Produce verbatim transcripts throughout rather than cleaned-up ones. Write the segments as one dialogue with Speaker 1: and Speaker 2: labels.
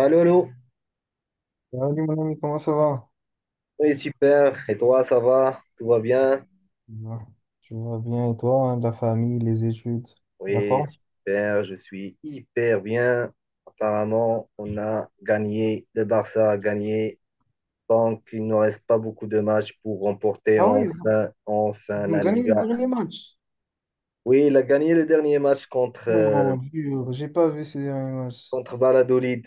Speaker 1: Allô, allô.
Speaker 2: Salut mon ami, comment ça va?
Speaker 1: Oui, super. Et toi, ça va? Tout va bien?
Speaker 2: Bah, tu vas bien et toi, hein, la famille, les études, la
Speaker 1: Oui,
Speaker 2: forme?
Speaker 1: super. Je suis hyper bien. Apparemment, on a gagné. Le Barça a gagné. Donc, il ne reste pas beaucoup de matchs pour remporter
Speaker 2: Ah oui,
Speaker 1: enfin, enfin
Speaker 2: ils ont
Speaker 1: la
Speaker 2: gagné le
Speaker 1: Liga.
Speaker 2: dernier match.
Speaker 1: Oui, il a gagné le dernier match contre, euh,
Speaker 2: Mon Dieu, j'ai pas vu ces derniers matchs.
Speaker 1: contre Valladolid.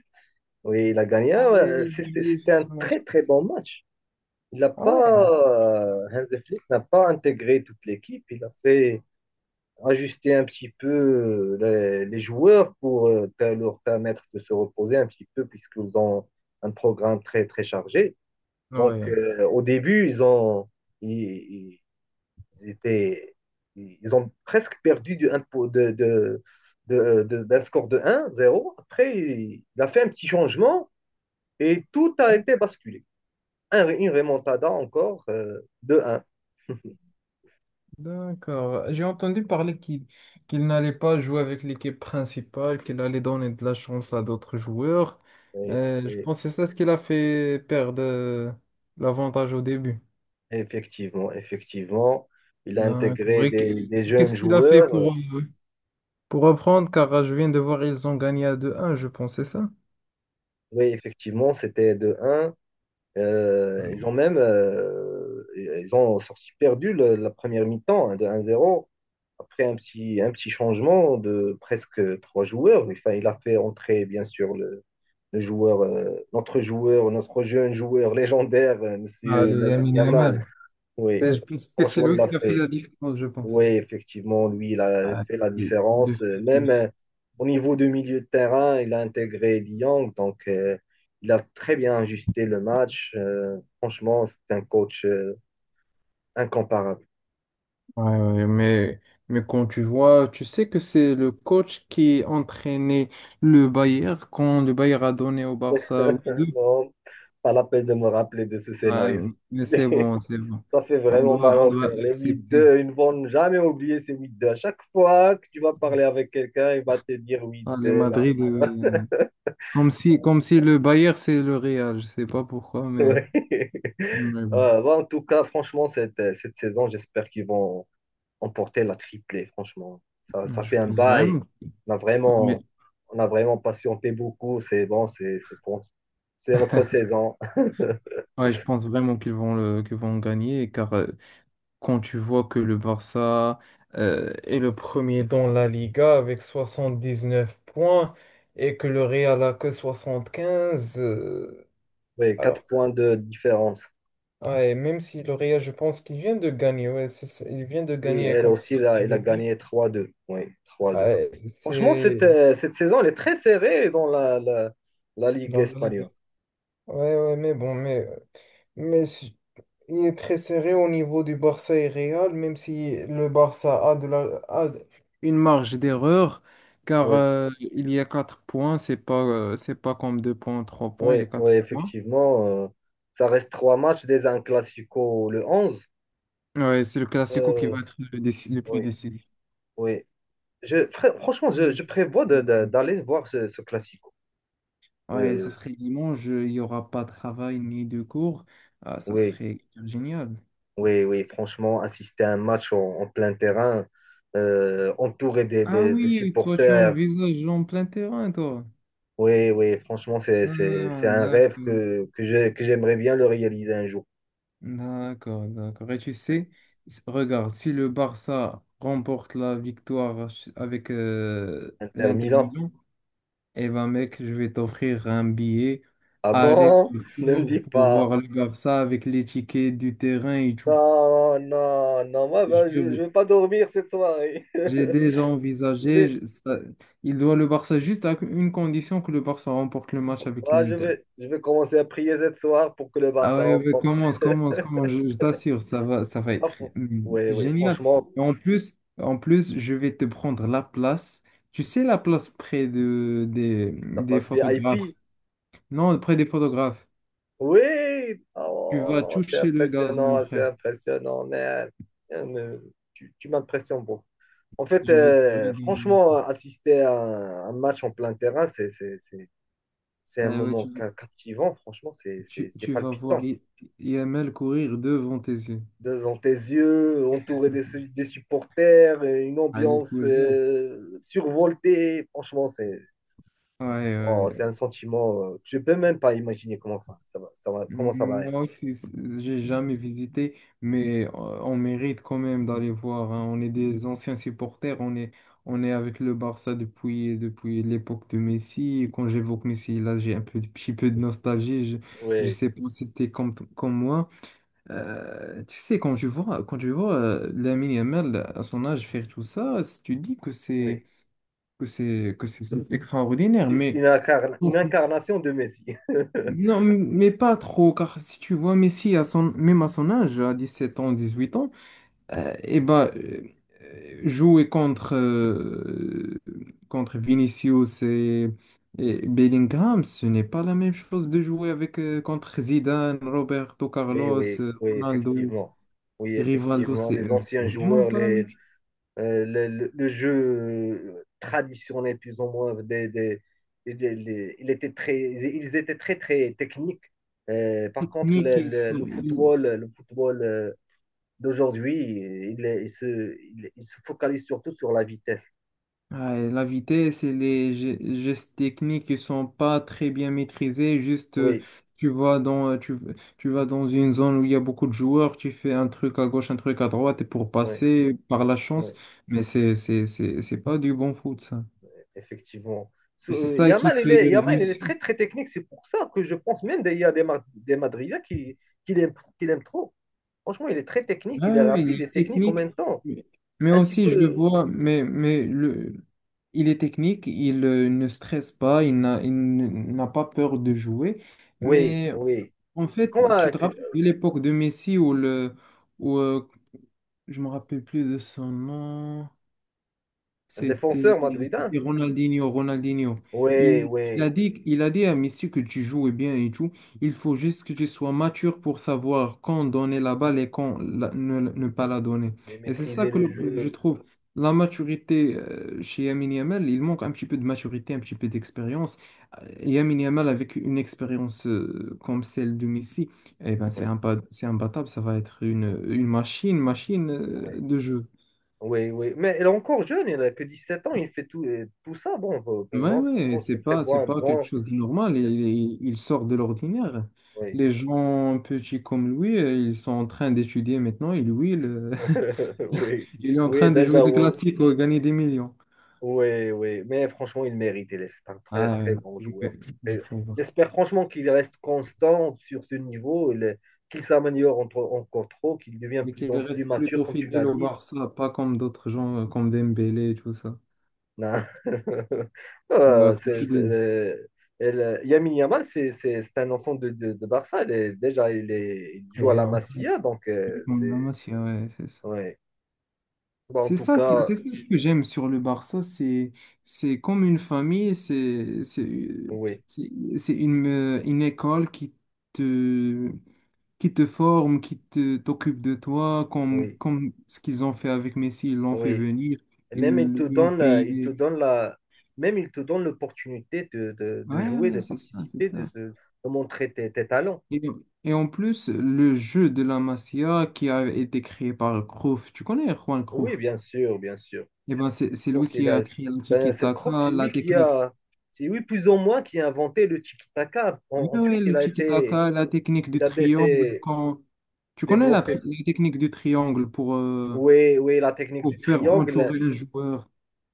Speaker 1: Oui, il a gagné.
Speaker 2: Ah
Speaker 1: Ah ouais,
Speaker 2: oui,
Speaker 1: c'était
Speaker 2: Julien
Speaker 1: c'était
Speaker 2: fait
Speaker 1: un
Speaker 2: son match.
Speaker 1: très, très bon match. Il n'a
Speaker 2: Ah
Speaker 1: pas,
Speaker 2: ouais?
Speaker 1: euh, Hansi Flick n'a pas intégré toute l'équipe. Il a fait ajuster un petit peu euh, les, les joueurs pour euh, per- leur permettre de se reposer un petit peu puisqu'ils ont un programme très très chargé. Donc
Speaker 2: Ouais,
Speaker 1: euh, au début, ils ont ils, ils étaient ils ont presque perdu du, un po- de, de, de- de- d'un score de un zéro. Après, il a fait un petit changement et tout a
Speaker 2: ouais,
Speaker 1: été basculé. Un- une remontada encore euh, de
Speaker 2: d'accord. J'ai entendu parler qu'il qu'il n'allait pas jouer avec l'équipe principale, qu'il allait donner de la chance à d'autres joueurs. Euh, je
Speaker 1: un
Speaker 2: pense que c'est ça ce qu'il a fait perdre euh, l'avantage au début.
Speaker 1: Effectivement, effectivement. Il a
Speaker 2: D'accord.
Speaker 1: intégré
Speaker 2: Et qu-
Speaker 1: des, des jeunes
Speaker 2: Qu'est-ce qu'il a fait
Speaker 1: joueurs. Euh,
Speaker 2: pour... euh, Pour reprendre, car je viens de voir, ils ont gagné à deux un, je pense, c'est ça?
Speaker 1: Oui, effectivement, c'était de un Euh, ils ont même euh, ils ont sorti perdu le- la première mi-temps, hein, de un zéro. Après un petit, un petit changement de presque trois joueurs. Enfin, il a fait entrer, bien sûr, le, le joueur, euh, notre joueur, notre jeune joueur légendaire, euh,
Speaker 2: Ah,
Speaker 1: Monsieur
Speaker 2: le
Speaker 1: Lamine
Speaker 2: Yamin
Speaker 1: Yamal.
Speaker 2: Yamal.
Speaker 1: Oui,
Speaker 2: Et je pense que c'est
Speaker 1: franchement, il
Speaker 2: lui
Speaker 1: l'a
Speaker 2: qui a fait
Speaker 1: fait.
Speaker 2: la différence, je pense.
Speaker 1: Oui, effectivement, lui, il a
Speaker 2: Ah,
Speaker 1: fait la
Speaker 2: c'est- Deux
Speaker 1: différence. Euh, Même euh,
Speaker 2: plus.
Speaker 1: au niveau de milieu de terrain, il a intégré Dieng, donc euh, il a très bien ajusté le match. Euh, franchement, c'est un coach euh, incomparable.
Speaker 2: Ouais, ouais, mais, mais quand tu vois, tu sais que c'est le coach qui entraînait le Bayern quand le Bayern a donné au Barça huit deux.
Speaker 1: Bon, pas la peine de me rappeler de ce
Speaker 2: Ouais,
Speaker 1: scénario.
Speaker 2: mais c'est bon, c'est bon.
Speaker 1: Ça fait
Speaker 2: On
Speaker 1: vraiment
Speaker 2: doit,
Speaker 1: mal
Speaker 2: on
Speaker 1: au
Speaker 2: doit
Speaker 1: cœur. Les huit
Speaker 2: accepter.
Speaker 1: deux, ils ne vont jamais oublier ces huit deux. À chaque fois que tu vas parler avec quelqu'un, il va te dire huit
Speaker 2: Ah, les
Speaker 1: deux là.
Speaker 2: Madrid, euh, comme si, comme si le Bayern, c'est le Real. Je sais pas pourquoi, mais...
Speaker 1: Ouais.
Speaker 2: mais bon.
Speaker 1: Euh, bon, en tout cas, franchement, cette, cette saison, j'espère qu'ils vont emporter la triplée, franchement. Ça,
Speaker 2: Non,
Speaker 1: ça
Speaker 2: je
Speaker 1: fait un
Speaker 2: pense
Speaker 1: bail.
Speaker 2: vraiment,
Speaker 1: On a
Speaker 2: mais
Speaker 1: vraiment, on a vraiment patienté beaucoup. C'est bon, c'est c'est bon. C'est notre saison.
Speaker 2: ouais, je pense vraiment qu'ils vont le, qu'ils vont gagner, car euh, quand tu vois que le Barça euh, est le premier dans la Liga avec soixante-dix-neuf points et que le Real a que soixante-quinze, euh,
Speaker 1: Oui, quatre
Speaker 2: alors
Speaker 1: points de différence.
Speaker 2: ouais, même si le Real, je pense qu'il vient de gagner, ouais, c'est ça, il vient de
Speaker 1: Oui,
Speaker 2: gagner
Speaker 1: elle
Speaker 2: contre
Speaker 1: aussi, elle a,
Speaker 2: Celta
Speaker 1: elle a
Speaker 2: Vigo,
Speaker 1: gagné trois deux. Oui, trois deux.
Speaker 2: ouais,
Speaker 1: Franchement, cette,
Speaker 2: c'est
Speaker 1: euh, cette saison, elle est très serrée dans la, la, la Ligue
Speaker 2: dans la Liga.
Speaker 1: espagnole.
Speaker 2: Ouais, ouais, mais bon, mais, mais si- il est très serré au niveau du Barça et Real, même si le Barça a, de la, a de- une marge d'erreur, car
Speaker 1: Oui,
Speaker 2: euh, il y a quatre points, c'est pas, euh, c'est pas comme deux points, trois
Speaker 1: oui,
Speaker 2: points, il y a
Speaker 1: oui,
Speaker 2: quatre points.
Speaker 1: effectivement. euh, ça reste trois matchs dès un classico le onze.
Speaker 2: Ouais, c'est le Classico qui
Speaker 1: Euh,
Speaker 2: va être le, déci- le plus
Speaker 1: oui,
Speaker 2: décisif.
Speaker 1: oui. Je, fr- franchement, je, je prévois de- de- d'aller voir ce, ce classico.
Speaker 2: Ouais, ça
Speaker 1: Euh,
Speaker 2: serait dimanche, il n'y aura pas de travail ni de cours. Ah, ça
Speaker 1: oui,
Speaker 2: serait génial.
Speaker 1: oui, oui, franchement, assister à un match en, en plein terrain, euh, entouré des,
Speaker 2: Ah
Speaker 1: des- des
Speaker 2: oui, toi tu
Speaker 1: supporters.
Speaker 2: envisages en plein terrain, toi.
Speaker 1: Oui, oui, franchement, c'est, c'est- c'est
Speaker 2: Ah,
Speaker 1: un rêve
Speaker 2: d'accord.
Speaker 1: que, que j'ai- que j'aimerais bien le réaliser un jour.
Speaker 2: D'accord, d'accord. Et tu
Speaker 1: Ouais.
Speaker 2: sais, s- regarde, si le Barça remporte la victoire ch- avec euh,
Speaker 1: Inter
Speaker 2: l'Inter
Speaker 1: Milan.
Speaker 2: Milan, eh ben mec, je vais t'offrir un billet
Speaker 1: Ah bon? Ne me
Speaker 2: aller-retour
Speaker 1: dis
Speaker 2: pour
Speaker 1: pas.
Speaker 2: voir le Barça avec les tickets du terrain et tout.
Speaker 1: Non, non, non, moi, ben, je ne
Speaker 2: Je-
Speaker 1: vais pas dormir cette soirée.
Speaker 2: J'ai déjà
Speaker 1: Je
Speaker 2: envisagé,
Speaker 1: vais,
Speaker 2: je- ça- il doit le Barça juste à une condition que le Barça remporte le match avec
Speaker 1: ah, je
Speaker 2: l'Inter.
Speaker 1: vais, je vais commencer à prier cette soir pour que le
Speaker 2: Ah
Speaker 1: Barça
Speaker 2: ouais, ouais,
Speaker 1: remporte.
Speaker 2: commence, commence, commence, je, je t'assure, ça va, ça va
Speaker 1: Ah,
Speaker 2: être
Speaker 1: fran-
Speaker 2: hum,
Speaker 1: ouais, ouais,
Speaker 2: génial.
Speaker 1: franchement,
Speaker 2: Et en plus, en plus, je vais te prendre la place. Tu sais, la place près de, des,
Speaker 1: ça
Speaker 2: des
Speaker 1: passe
Speaker 2: photographes.
Speaker 1: V I P.
Speaker 2: Non, près des photographes.
Speaker 1: Oui,
Speaker 2: Tu vas
Speaker 1: oh, c'est
Speaker 2: toucher le gazon, mon
Speaker 1: impressionnant, c'est
Speaker 2: frère.
Speaker 1: impressionnant, man. Euh, mais Tu, tu m'impressionnes beaucoup. En fait,
Speaker 2: Je vais te
Speaker 1: euh,
Speaker 2: briller.
Speaker 1: franchement, assister à un, un match en plein terrain, c'est c'est- c'est- c'est un
Speaker 2: Ah ouais,
Speaker 1: moment
Speaker 2: tu,
Speaker 1: ca- captivant, franchement, c'est c'est-
Speaker 2: tu,
Speaker 1: c'est
Speaker 2: tu vas voir
Speaker 1: palpitant.
Speaker 2: I- IML courir devant tes yeux.
Speaker 1: Devant tes yeux, entouré des, su- des supporters, une
Speaker 2: Allez
Speaker 1: ambiance
Speaker 2: courir.
Speaker 1: euh, survoltée, franchement, c'est.
Speaker 2: Ouais,
Speaker 1: Oh,
Speaker 2: ouais.
Speaker 1: c'est un sentiment, euh, je peux même pas imaginer comment, enfin, ça va, ça va- comment ça va
Speaker 2: Moi
Speaker 1: être.
Speaker 2: aussi, c- j'ai jamais visité, mais euh, on mérite quand même d'aller voir, hein. On est des anciens supporters, on est, on est avec le Barça depuis, depuis l'époque de Messi. Et quand j'évoque Messi, là, j'ai un peu, petit peu de nostalgie. Je, je
Speaker 1: Oui,
Speaker 2: sais pas si t'es comme, comme moi. Euh, tu sais, quand je vois, quand je vois euh, Lamine Yamal à son âge faire tout ça, si tu dis que
Speaker 1: oui.
Speaker 2: c'est, que c'est, que c'est extraordinaire,
Speaker 1: C'est
Speaker 2: mais.
Speaker 1: Une, incarn- une incarnation de Messi.
Speaker 2: Non, mais pas trop, car si tu vois Messi, à son, même à son âge, à dix-sept ans, dix-huit ans, et bah, euh, eh ben, euh, jouer contre, euh, contre Vinicius et, et Bellingham, ce n'est pas la même chose de jouer avec, euh, contre Zidane, Roberto
Speaker 1: Mais
Speaker 2: Carlos,
Speaker 1: oui,
Speaker 2: euh,
Speaker 1: oui,
Speaker 2: Ronaldo,
Speaker 1: effectivement. Oui,
Speaker 2: Rivaldo,
Speaker 1: effectivement.
Speaker 2: c'est
Speaker 1: Les
Speaker 2: euh, c'est
Speaker 1: anciens
Speaker 2: vraiment
Speaker 1: joueurs,
Speaker 2: pas la
Speaker 1: les,
Speaker 2: même chose.
Speaker 1: euh, le, le- le jeu euh, traditionnel, plus ou moins, des, des- des- les- il était très, ils étaient très, très techniques. Euh, par contre,
Speaker 2: Ni
Speaker 1: le,
Speaker 2: qu'ils
Speaker 1: le-
Speaker 2: sont-
Speaker 1: le football, le football euh, d'aujourd'hui, il, il se, il il se focalise surtout sur la vitesse.
Speaker 2: Ouais, la vitesse et les ge- gestes techniques qui sont pas très bien maîtrisés. Juste, euh,
Speaker 1: Oui,
Speaker 2: tu vas dans, euh, tu, tu vas dans une zone où il y a beaucoup de joueurs, tu fais un truc à gauche, un truc à droite, et pour
Speaker 1: oui,
Speaker 2: passer par la
Speaker 1: oui,
Speaker 2: chance, mais c'est, c'est, c'est, c'est pas du bon foot, ça.
Speaker 1: effectivement.
Speaker 2: Et
Speaker 1: Sou-
Speaker 2: c'est
Speaker 1: euh,
Speaker 2: ça qui
Speaker 1: Yamal, il
Speaker 2: fait
Speaker 1: est,
Speaker 2: euh,
Speaker 1: Yamal, il est
Speaker 2: Vinicius.
Speaker 1: très, très technique. C'est pour ça que je pense même qu'il y a des, Ma- des Madridiens qui, qui l'aiment qui l'aiment trop. Franchement, il est très technique,
Speaker 2: Ouais,
Speaker 1: il est
Speaker 2: ouais, ouais, il
Speaker 1: rapide et
Speaker 2: est
Speaker 1: technique en
Speaker 2: technique,
Speaker 1: même temps.
Speaker 2: mais mais
Speaker 1: Ainsi
Speaker 2: aussi, je le
Speaker 1: que,
Speaker 2: vois, mais, mais le, il est technique, il euh, ne stresse pas, il n'a, il n- n'a pas peur de jouer.
Speaker 1: oui,
Speaker 2: Mais
Speaker 1: oui.
Speaker 2: En
Speaker 1: C'est
Speaker 2: fait,
Speaker 1: comme
Speaker 2: tu
Speaker 1: un,
Speaker 2: te rappelles de l'époque de Messi où le, où, euh, je me rappelle plus de son nom.
Speaker 1: un
Speaker 2: C'était
Speaker 1: défenseur madridin.
Speaker 2: c'était Ronaldinho, Ronaldinho.
Speaker 1: Oui,
Speaker 2: Il, il a
Speaker 1: oui.
Speaker 2: dit, il a dit à Messi que tu joues bien et tout. Il faut juste que tu sois mature pour savoir quand donner la balle et quand la- ne, ne pas la donner.
Speaker 1: Mais
Speaker 2: Et c'est ça
Speaker 1: maîtriser
Speaker 2: que
Speaker 1: le
Speaker 2: le- je
Speaker 1: jeu.
Speaker 2: trouve. La maturité euh, chez Lamine Yamal, il manque un petit peu de maturité, un petit peu d'expérience. Euh, Lamine Yamal avec une expérience euh, comme celle de Messi, eh ben, c'est
Speaker 1: Oui,
Speaker 2: imba- c'est imbattable, ça va être une, une machine, machine
Speaker 1: oui,
Speaker 2: euh, de jeu.
Speaker 1: oui, oui. Mais il est encore jeune, il n'a que dix sept ans, il fait tout, euh, tout ça. Bon, pour pour
Speaker 2: Ouais,
Speaker 1: moi,
Speaker 2: ouais,
Speaker 1: franchement, je
Speaker 2: c'est
Speaker 1: le
Speaker 2: pas, c'est
Speaker 1: prévois un
Speaker 2: pas quelque
Speaker 1: grand.
Speaker 2: chose de normal. Il, il- il sort de l'ordinaire.
Speaker 1: Oui,
Speaker 2: Les gens petits comme lui, euh, ils sont en train d'étudier maintenant. Et lui, il,
Speaker 1: oui,
Speaker 2: il est en
Speaker 1: oui,
Speaker 2: train de jouer
Speaker 1: déjà,
Speaker 2: des
Speaker 1: oui,
Speaker 2: classiques ou gagner des millions.
Speaker 1: oui, oui. Mais franchement, il mérite. Il est c'est un très,
Speaker 2: Ah,
Speaker 1: très
Speaker 2: ouais,
Speaker 1: bon
Speaker 2: je
Speaker 1: joueur.
Speaker 2: peux- je
Speaker 1: Et
Speaker 2: peux voir.
Speaker 1: J'espère franchement qu'il reste constant sur ce niveau, il- qu'il s'améliore entre- encore trop, qu'il devient de
Speaker 2: Mais
Speaker 1: plus
Speaker 2: qu'il
Speaker 1: en plus
Speaker 2: reste
Speaker 1: mature,
Speaker 2: plutôt
Speaker 1: comme tu l'as
Speaker 2: fidèle au
Speaker 1: dit.
Speaker 2: Barça, pas comme d'autres gens, euh, comme Dembélé et tout ça.
Speaker 1: Non.
Speaker 2: Il
Speaker 1: Euh,
Speaker 2: reste
Speaker 1: c'est- c'est-
Speaker 2: fidèle.
Speaker 1: euh, elle- Lamine Yamal, c'est c'est- c'est un enfant de, de, de Barça. Il est- déjà, il, est, il joue à
Speaker 2: Et,
Speaker 1: la
Speaker 2: euh,
Speaker 1: Masia, donc euh,
Speaker 2: comme
Speaker 1: c'est...
Speaker 2: Lamassia, ouais, c'est
Speaker 1: Ouais. Bon, en
Speaker 2: C'est
Speaker 1: tout
Speaker 2: ça, qui-
Speaker 1: cas,
Speaker 2: c'est ça ce que j'aime sur le Barça, c'est c'est comme une famille, c'est c'est
Speaker 1: oui,
Speaker 2: c'est c'est une euh, une école qui te qui te forme, qui te t'occupe de toi, comme
Speaker 1: oui,
Speaker 2: comme ce qu'ils ont fait avec Messi, ils l'ont fait
Speaker 1: oui.
Speaker 2: venir,
Speaker 1: Et
Speaker 2: ils
Speaker 1: même il te
Speaker 2: lui ont
Speaker 1: donne, la- il te
Speaker 2: payé.
Speaker 1: donne la, même il te donne l'opportunité de, de- de
Speaker 2: Ouais,
Speaker 1: jouer,
Speaker 2: ouais,
Speaker 1: de
Speaker 2: c'est ça, c'est
Speaker 1: participer, de,
Speaker 2: ça.
Speaker 1: se- de montrer tes, tes talents.
Speaker 2: Et, et en plus, le jeu de la Masia qui a été créé par Cruyff, tu connais Juan
Speaker 1: Oui,
Speaker 2: Cruyff?
Speaker 1: bien sûr, bien sûr.
Speaker 2: Eh ben, c'est c'est lui
Speaker 1: Croft,
Speaker 2: qui
Speaker 1: il a-
Speaker 2: a créé le
Speaker 1: ben, c'est Croft, c'est
Speaker 2: tiki-taka, la
Speaker 1: lui qui
Speaker 2: technique.
Speaker 1: a, c'est lui plus ou moins qui a inventé le tiki-taka. En-
Speaker 2: Oui, oui,
Speaker 1: ensuite, il
Speaker 2: le
Speaker 1: a été,
Speaker 2: tiki-taka, la technique
Speaker 1: il
Speaker 2: du
Speaker 1: a
Speaker 2: triangle,
Speaker 1: été
Speaker 2: quand... Tu connais la,
Speaker 1: développé.
Speaker 2: tri- la technique du triangle pour, euh,
Speaker 1: Oui, oui, la technique
Speaker 2: pour
Speaker 1: du
Speaker 2: faire
Speaker 1: triangle.
Speaker 2: entourer un joueur.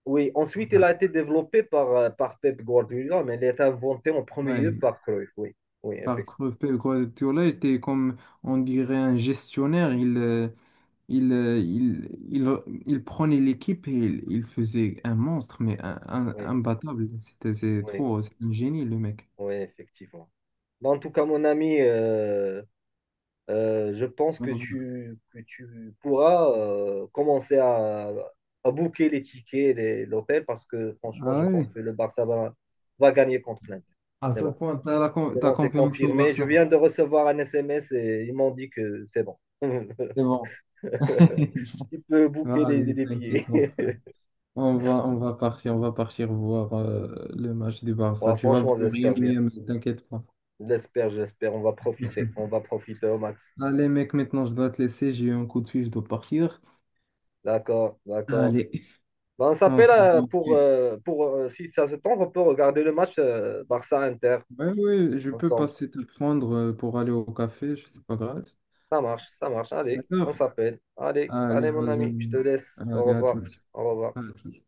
Speaker 1: Oui, ensuite, il a été développé par, euh, par Pep Guardiola, mais il a été inventé en premier lieu
Speaker 2: Ouais,
Speaker 1: par Cruyff. Oui, oui,
Speaker 2: par
Speaker 1: effectivement.
Speaker 2: Guardiola était comme, on dirait, un gestionnaire. Il, euh, il, euh, il, il, il prenait l'équipe et il, il faisait un monstre, mais un, un-
Speaker 1: Oui,
Speaker 2: imbattable. C'était, c'est
Speaker 1: oui,
Speaker 2: trop, c'est un génie, le mec.
Speaker 1: oui, effectivement. Bah, en tout cas, mon ami, euh, euh, je pense
Speaker 2: Ah
Speaker 1: que
Speaker 2: ouais,
Speaker 1: tu, que tu pourras euh, commencer à, à booker les tickets, les- l'hôtel, parce que franchement, je
Speaker 2: ah
Speaker 1: pense
Speaker 2: ouais.
Speaker 1: que le Barça va, va gagner contre l'Inter.
Speaker 2: À
Speaker 1: C'est
Speaker 2: ce
Speaker 1: bon,
Speaker 2: point, t'as la con-
Speaker 1: c'est
Speaker 2: t'as
Speaker 1: bon, c'est
Speaker 2: confiance au
Speaker 1: confirmé. Je
Speaker 2: Barça.
Speaker 1: viens de recevoir un S M S et ils m'ont dit que c'est bon.
Speaker 2: C'est bon.
Speaker 1: Tu peux booker les,
Speaker 2: Vas-y,
Speaker 1: les
Speaker 2: t'inquiète,
Speaker 1: billets.
Speaker 2: mon frère. On va, on va partir, on va partir voir euh, le match du Barça.
Speaker 1: Ouais,
Speaker 2: Tu vas
Speaker 1: franchement,
Speaker 2: voir rien,
Speaker 1: j'espère bien.
Speaker 2: rien, mais t'inquiète pas.
Speaker 1: J'espère, j'espère. On va profiter. On va profiter au max.
Speaker 2: Allez, mec, maintenant je dois te laisser. J'ai eu un coup de fil, je dois partir.
Speaker 1: D'accord, d'accord.
Speaker 2: Allez,
Speaker 1: Ben, on
Speaker 2: on se
Speaker 1: s'appelle euh,
Speaker 2: voit.
Speaker 1: pour, euh, pour euh, si ça se tente, on peut regarder le match euh, Barça-Inter
Speaker 2: Ouais, ouais, je peux
Speaker 1: ensemble.
Speaker 2: passer te prendre euh, pour aller au café. C'est pas grave.
Speaker 1: Ça marche, ça marche. Allez, on
Speaker 2: D'accord.
Speaker 1: s'appelle. Allez,
Speaker 2: Allez,
Speaker 1: allez, mon
Speaker 2: vas-y.
Speaker 1: ami, je te laisse. Au
Speaker 2: Allez, à
Speaker 1: revoir.
Speaker 2: toutes.
Speaker 1: Au revoir.
Speaker 2: À toutes.